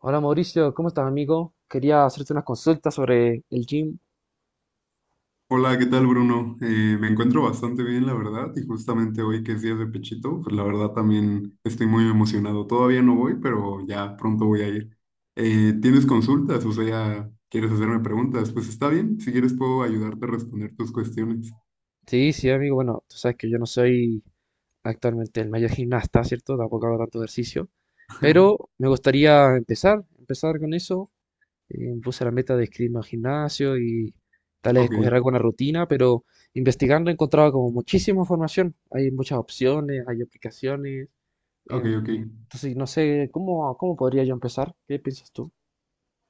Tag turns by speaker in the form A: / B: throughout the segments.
A: Hola Mauricio, ¿cómo estás amigo? Quería hacerte unas consultas sobre el gym.
B: Hola, ¿qué tal, Bruno? Me encuentro bastante bien, la verdad, y justamente hoy que es día de Pechito, pues la verdad también estoy muy emocionado. Todavía no voy, pero ya pronto voy a ir. ¿Tienes consultas? O sea, ¿quieres hacerme preguntas? Pues está bien, si quieres puedo ayudarte a responder tus cuestiones.
A: Sí, sí amigo, bueno, tú sabes que yo no soy actualmente el mayor gimnasta, ¿cierto? Tampoco hago tanto ejercicio, pero me gustaría empezar con eso. Me puse la meta de inscribirme al gimnasio y tal vez
B: Ok,
A: escoger alguna rutina, pero investigando he encontrado como muchísima información. Hay muchas opciones, hay aplicaciones.
B: ok, ok.
A: em, entonces, no sé, ¿cómo podría yo empezar? ¿Qué piensas tú?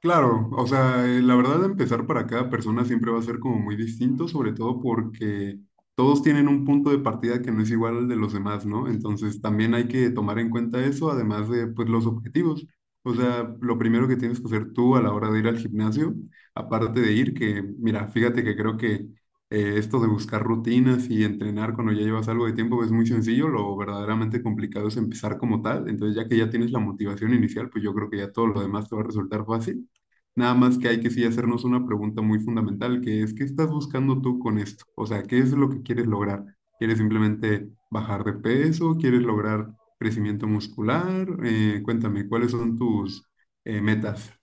B: Claro, o sea, la verdad empezar para cada persona siempre va a ser como muy distinto, sobre todo porque todos tienen un punto de partida que no es igual al de los demás, ¿no? Entonces también hay que tomar en cuenta eso, además de pues los objetivos. O sea, lo primero que tienes que hacer tú a la hora de ir al gimnasio, aparte de ir, que mira, fíjate que creo que esto de buscar rutinas y entrenar cuando ya llevas algo de tiempo es muy sencillo, lo verdaderamente complicado es empezar como tal. Entonces ya que ya tienes la motivación inicial, pues yo creo que ya todo lo demás te va a resultar fácil. Nada más que hay que sí hacernos una pregunta muy fundamental, que es, ¿qué estás buscando tú con esto? O sea, ¿qué es lo que quieres lograr? ¿Quieres simplemente bajar de peso? ¿Quieres lograr crecimiento muscular? Cuéntame, ¿cuáles son tus metas?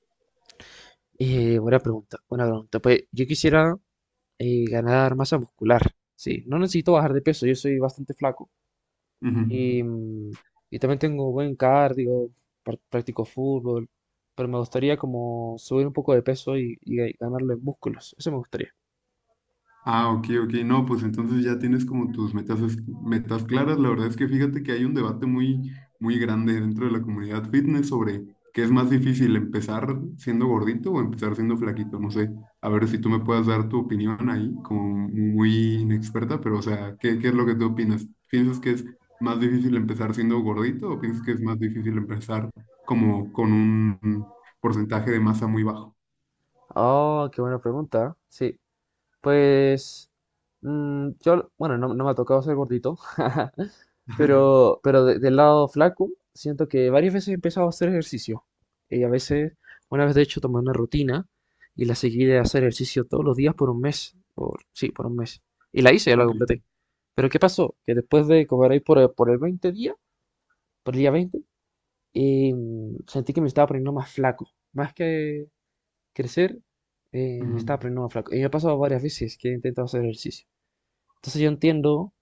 A: Buena pregunta, buena pregunta. Pues yo quisiera ganar masa muscular. Sí, no necesito bajar de peso, yo soy bastante flaco.
B: Ujú.
A: Y, mm, y también tengo buen cardio, practico fútbol, pero me gustaría como subir un poco de peso y, ganarle músculos. Eso me gustaría.
B: Ah, ok, ok. No, pues entonces ya tienes como tus metas, metas claras. La verdad es que fíjate que hay un debate muy, muy grande dentro de la comunidad fitness sobre qué es más difícil, empezar siendo gordito o empezar siendo flaquito. No sé, a ver si tú me puedas dar tu opinión ahí, como muy inexperta, pero o sea, ¿qué es lo que tú opinas? ¿Piensas que es más difícil empezar siendo gordito o piensas que es más difícil empezar como con un porcentaje de masa muy bajo?
A: Oh, qué buena pregunta. Sí, pues yo, bueno, no me ha tocado ser gordito. Pero, del lado flaco, siento que varias veces he empezado a hacer ejercicio. Y a veces, una vez de hecho, tomé una rutina y la seguí de hacer ejercicio todos los días por un mes. Por, sí, por un mes. Y la hice, ya la
B: Ok.
A: completé. Pero ¿qué pasó? Que después de comer ahí por el 20 día, por el día 20, eh, sentí que me estaba poniendo más flaco. Más que crecer, me
B: Ujú.
A: estaba poniendo más flaco. Y me ha pasado varias veces que he intentado hacer ejercicio. Entonces yo entiendo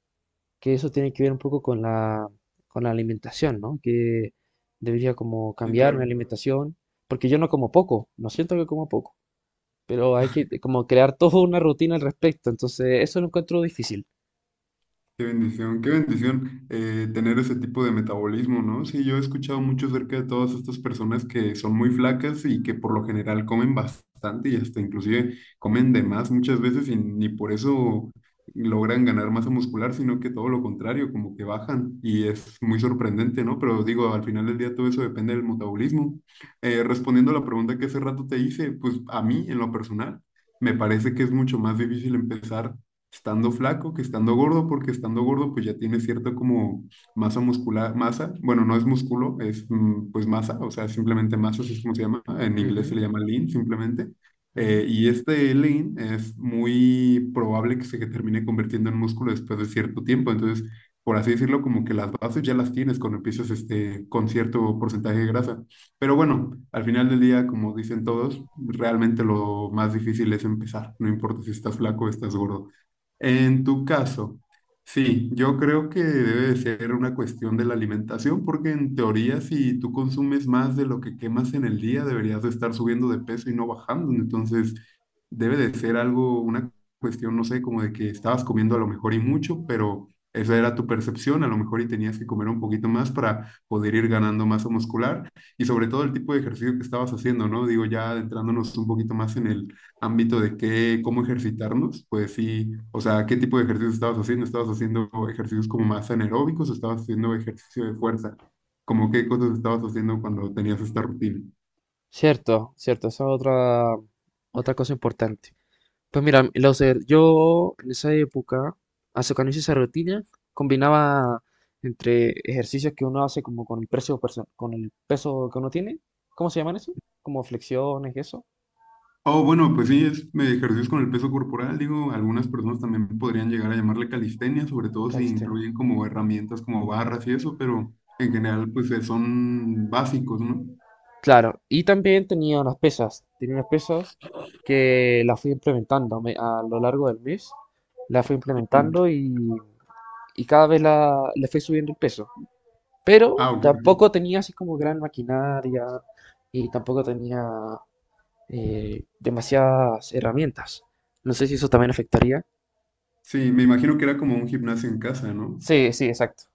A: que eso tiene que ver un poco con la alimentación, ¿no? Que debería como
B: Sí,
A: cambiar mi
B: claro.
A: alimentación, porque yo no como poco, no siento que como poco, pero hay que como crear toda una rutina al respecto, entonces eso lo encuentro difícil.
B: Qué bendición tener ese tipo de metabolismo, ¿no? Sí, yo he escuchado mucho acerca de todas estas personas que son muy flacas y que por lo general comen bastante y hasta inclusive comen de más muchas veces y ni por eso logran ganar masa muscular, sino que todo lo contrario, como que bajan y es muy sorprendente, ¿no? Pero digo, al final del día todo eso depende del metabolismo. Respondiendo a la pregunta que hace rato te hice, pues a mí en lo personal. Me parece que es mucho más difícil empezar estando flaco que estando gordo, porque estando gordo pues ya tiene cierto como masa muscular, masa, bueno, no es músculo, es pues masa, o sea, simplemente masa, así es como se llama, en inglés se
A: Ujú,
B: le llama lean simplemente.
A: ujú.
B: Y este lean es muy probable que se termine convirtiendo en músculo después de cierto tiempo, entonces, por así decirlo, como que las bases ya las tienes cuando empiezas este, con cierto porcentaje de grasa. Pero bueno, al final del día, como dicen todos, realmente lo más difícil es empezar, no importa si estás flaco o estás gordo. En tu caso, sí, yo creo que debe de ser una cuestión de la alimentación, porque en teoría si tú consumes más de lo que quemas en el día, deberías de estar subiendo de peso y no bajando. Entonces, debe de ser algo, una cuestión, no sé, como de que estabas comiendo a lo mejor y mucho, pero esa era tu percepción, a lo mejor y tenías que comer un poquito más para poder ir ganando masa muscular y sobre todo el tipo de ejercicio que estabas haciendo, ¿no? Digo, ya adentrándonos un poquito más en el ámbito de qué, cómo ejercitarnos, pues sí, o sea, ¿qué tipo de ejercicios estabas haciendo? ¿Estabas haciendo ejercicios como más anaeróbicos o estabas haciendo ejercicio de fuerza? ¿Como qué cosas estabas haciendo cuando tenías esta rutina?
A: Cierto, cierto, esa es otra cosa importante. Pues mira, lo sé, yo en esa época, hace cuando hice esa rutina, combinaba entre ejercicios que uno hace como con el peso que uno tiene, ¿cómo se llaman eso? Como flexiones y eso,
B: Oh, bueno, pues sí, es ejercicios con el peso corporal, digo, algunas personas también podrían llegar a llamarle calistenia, sobre todo si
A: calistenia.
B: incluyen como herramientas como barras y eso, pero en general pues son básicos, ¿no?
A: Claro, y también tenía unas pesas que las fui implementando a lo largo del mes, las fui
B: Ujú.
A: implementando y cada vez le fui subiendo el peso, pero
B: Ah, ok, ok.
A: tampoco tenía así como gran maquinaria y tampoco tenía demasiadas herramientas. No sé si eso también afectaría.
B: Sí, me imagino que era como un gimnasio en casa, ¿no?
A: Sí, sí, exacto.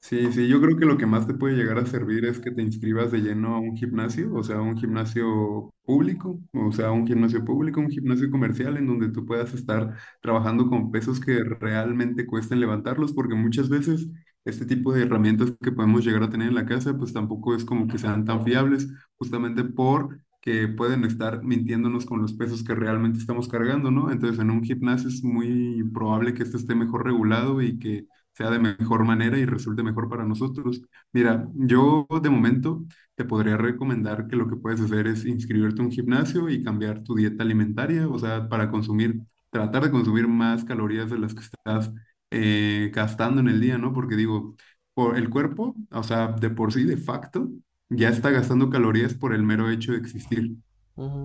B: Sí, sí, yo creo que lo que más te puede llegar a servir es que te inscribas de lleno a un gimnasio, o sea, un gimnasio público, o sea, un gimnasio público, un gimnasio comercial en donde tú puedas estar trabajando con pesos que realmente cuesten levantarlos, porque muchas veces este tipo de herramientas que podemos llegar a tener en la casa, pues tampoco es como que sean tan fiables, justamente por que pueden estar mintiéndonos con los pesos que realmente estamos cargando, ¿no? Entonces, en un gimnasio es muy probable que este esté mejor regulado y que sea de mejor manera y resulte mejor para nosotros. Mira, yo de momento te podría recomendar que lo que puedes hacer es inscribirte a un gimnasio y cambiar tu dieta alimentaria, o sea, para consumir, tratar de consumir más calorías de las que estás gastando en el día, ¿no? Porque digo, por el cuerpo, o sea, de por sí, de facto, ya está gastando calorías por el mero hecho de existir.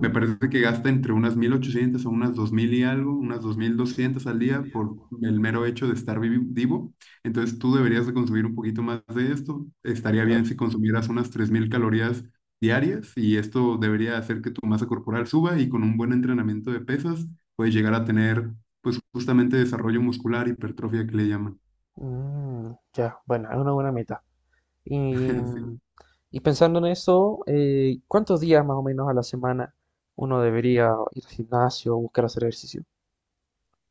B: Me parece que gasta entre unas 1.800 a unas 2.000 y algo, unas 2.200 al día por el mero hecho de estar vivo. Entonces tú deberías de consumir un poquito más de esto. Estaría bien
A: claro.
B: si consumieras unas 3.000 calorías diarias y esto debería hacer que tu masa corporal suba y con un buen entrenamiento de pesas puedes llegar a tener pues justamente desarrollo muscular, hipertrofia que le llaman.
A: Mm, ya, bueno, es una buena meta. Y, y pensando en eso, ¿cuántos días más o menos a la semana uno debería ir al gimnasio o buscar hacer ejercicio?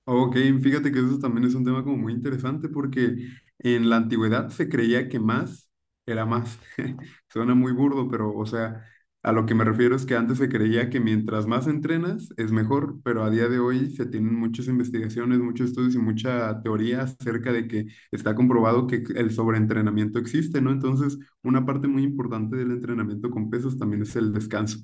B: Ok, fíjate que eso también es un tema como muy interesante porque en la antigüedad se creía que más era más. Suena muy burdo, pero o sea, a lo que me refiero es que antes se creía que mientras más entrenas es mejor, pero a día de hoy se tienen muchas investigaciones, muchos estudios y mucha teoría acerca de que está comprobado que el sobreentrenamiento existe, ¿no? Entonces, una parte muy importante del entrenamiento con pesas también es el descanso.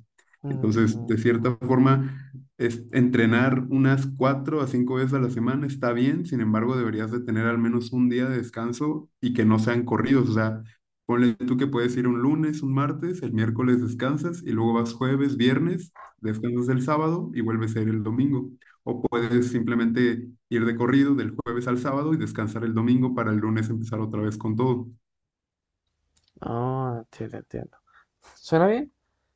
B: Entonces,
A: Mm,
B: de cierta forma es, entrenar unas cuatro a cinco veces a la semana está bien, sin embargo, deberías de tener al menos un día de descanso y que no sean corridos. O sea, ponle tú que puedes ir un lunes, un martes, el miércoles descansas y luego vas jueves, viernes, descansas el sábado y vuelves a ir el domingo. O puedes
A: mm.
B: simplemente ir de corrido del jueves al sábado y descansar el domingo para el lunes empezar otra vez con todo.
A: Ah, entiendo, entiendo. ¿Suena bien?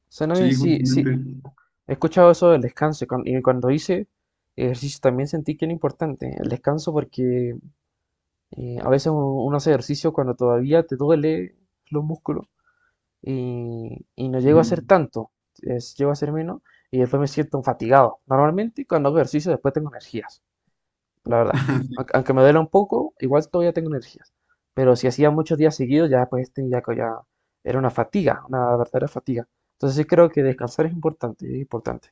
A: Suena bien,
B: Sí,
A: sí, sí.
B: justamente.
A: He escuchado eso del descanso y cuando hice ejercicio también sentí que era importante el descanso porque a veces uno hace ejercicio cuando todavía te duele los músculos y no llego a hacer
B: Ujú.
A: tanto, es, llego a hacer menos y después me siento fatigado. Normalmente cuando hago ejercicio después tengo energías, la verdad. Aunque me duela un poco, igual todavía tengo energías. Pero si hacía muchos días seguidos, ya pues tenía que ya era una fatiga, una verdadera fatiga. Entonces sí creo que descansar es importante, es importante.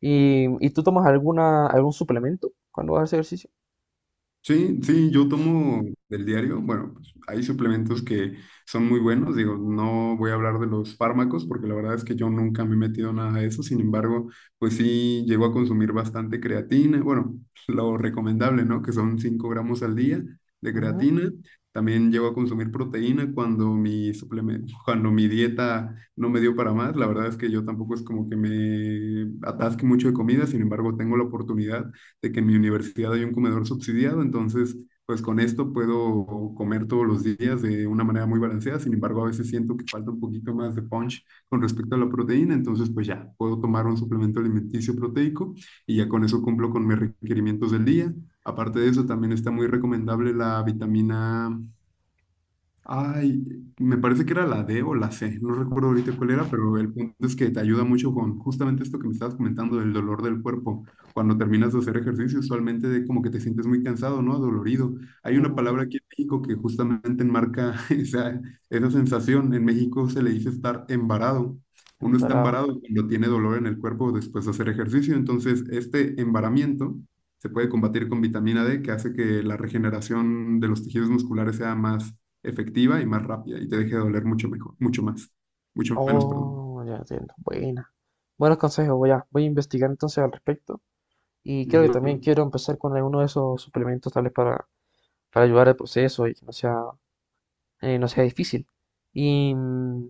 A: Y tú tomas algún suplemento cuando haces ejercicio?
B: Sí, sí, yo tomo del diario. Bueno, pues, hay suplementos que son muy buenos. Digo, no voy a hablar de los fármacos porque la verdad es que yo nunca me he metido nada de eso. Sin embargo, pues sí, llego a consumir bastante creatina. Bueno, lo recomendable, ¿no? Que son 5 gramos al día de
A: Ujú,
B: creatina. También llego a consumir proteína cuando mi suplemento, cuando mi dieta no me dio para más. La verdad es que yo tampoco es como que me atasque mucho de comida. Sin embargo, tengo la oportunidad de que en mi universidad hay un comedor subsidiado, entonces pues con esto puedo comer todos los días de una manera muy balanceada, sin embargo a veces siento que falta un poquito más de punch con respecto a la proteína, entonces pues ya puedo tomar un suplemento alimenticio proteico y ya con eso cumplo con mis requerimientos del día. Aparte de eso, también está muy recomendable la vitamina. Ay, me parece que era la D o la C, no recuerdo ahorita cuál era, pero el punto es que te ayuda mucho con justamente esto que me estabas comentando del dolor del cuerpo. Cuando terminas de hacer ejercicio, usualmente de como que te sientes muy cansado, ¿no? Dolorido. Hay una
A: ujú,
B: palabra aquí en México que justamente enmarca esa sensación. En México se le dice estar embarado. Uno está
A: es.
B: embarado cuando tiene dolor en el cuerpo después de hacer ejercicio. Entonces, este embaramiento se puede combatir con vitamina D, que hace que la regeneración de los tejidos musculares sea más efectiva y más rápida y te deje de doler mucho mejor, mucho más, mucho menos, perdón.
A: Oh, ya entiendo. Buena. Buenos consejos, voy a investigar entonces al respecto. Y creo que también
B: Ujú.
A: quiero empezar con alguno de esos suplementos, para ayudar al proceso y que no sea, no sea difícil. Y mm,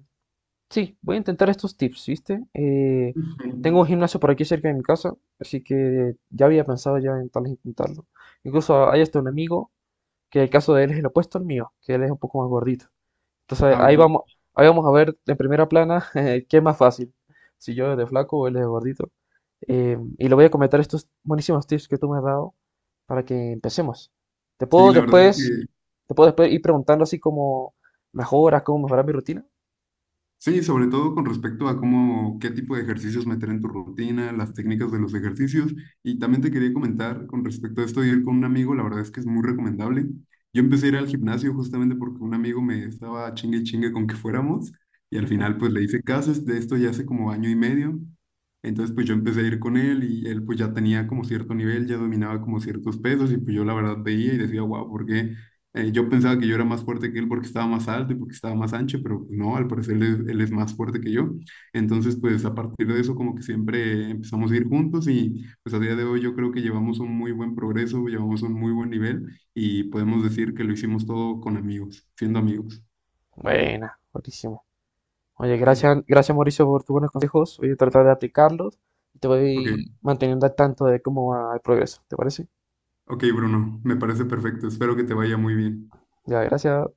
A: sí, voy a intentar estos tips, ¿viste?
B: Ujú.
A: Tengo un gimnasio por aquí cerca de mi casa, así que ya había pensado ya en tal vez intentarlo. Incluso hay hasta un amigo que el caso de él es el opuesto al mío, que él es un poco más gordito. Entonces
B: Ah, ok.
A: ahí vamos a ver en primera plana qué es más fácil, si yo de flaco o él de gordito. Y le voy a comentar estos buenísimos tips que tú me has dado para que empecemos. Te
B: Sí,
A: puedo
B: la verdad es
A: después,
B: que
A: te puedo después ir preguntando así como mejoras, cómo mejorar mi rutina.
B: sí, sobre todo con respecto a cómo, qué tipo de ejercicios meter en tu rutina, las técnicas de los ejercicios. Y también te quería comentar con respecto a esto de ir con un amigo, la verdad es que es muy recomendable. Yo empecé a ir al gimnasio justamente porque un amigo me estaba chingue y chingue con que fuéramos y al
A: Ujú.
B: final pues le hice caso, es de esto ya hace como año y medio. Entonces pues yo empecé a ir con él y él pues ya tenía como cierto nivel, ya dominaba como ciertos pesos y pues yo la verdad veía y decía, wow, ¿por qué yo pensaba que yo era más fuerte que él porque estaba más alto y porque estaba más ancho, pero pues, no, al parecer él es más fuerte que yo. Entonces, pues a partir de eso como que siempre empezamos a ir juntos y pues a día de hoy yo creo que llevamos un muy buen progreso, llevamos un muy buen nivel y podemos decir que lo hicimos todo con amigos, siendo amigos.
A: Buena, buenísimo. Oye, gracias, gracias Mauricio por tus buenos consejos. Voy a tratar de aplicarlos y te
B: Ok,
A: voy manteniendo al tanto de cómo va el progreso. ¿Te parece?
B: ok Bruno, me parece perfecto, espero que te vaya muy bien.
A: Ya, gracias.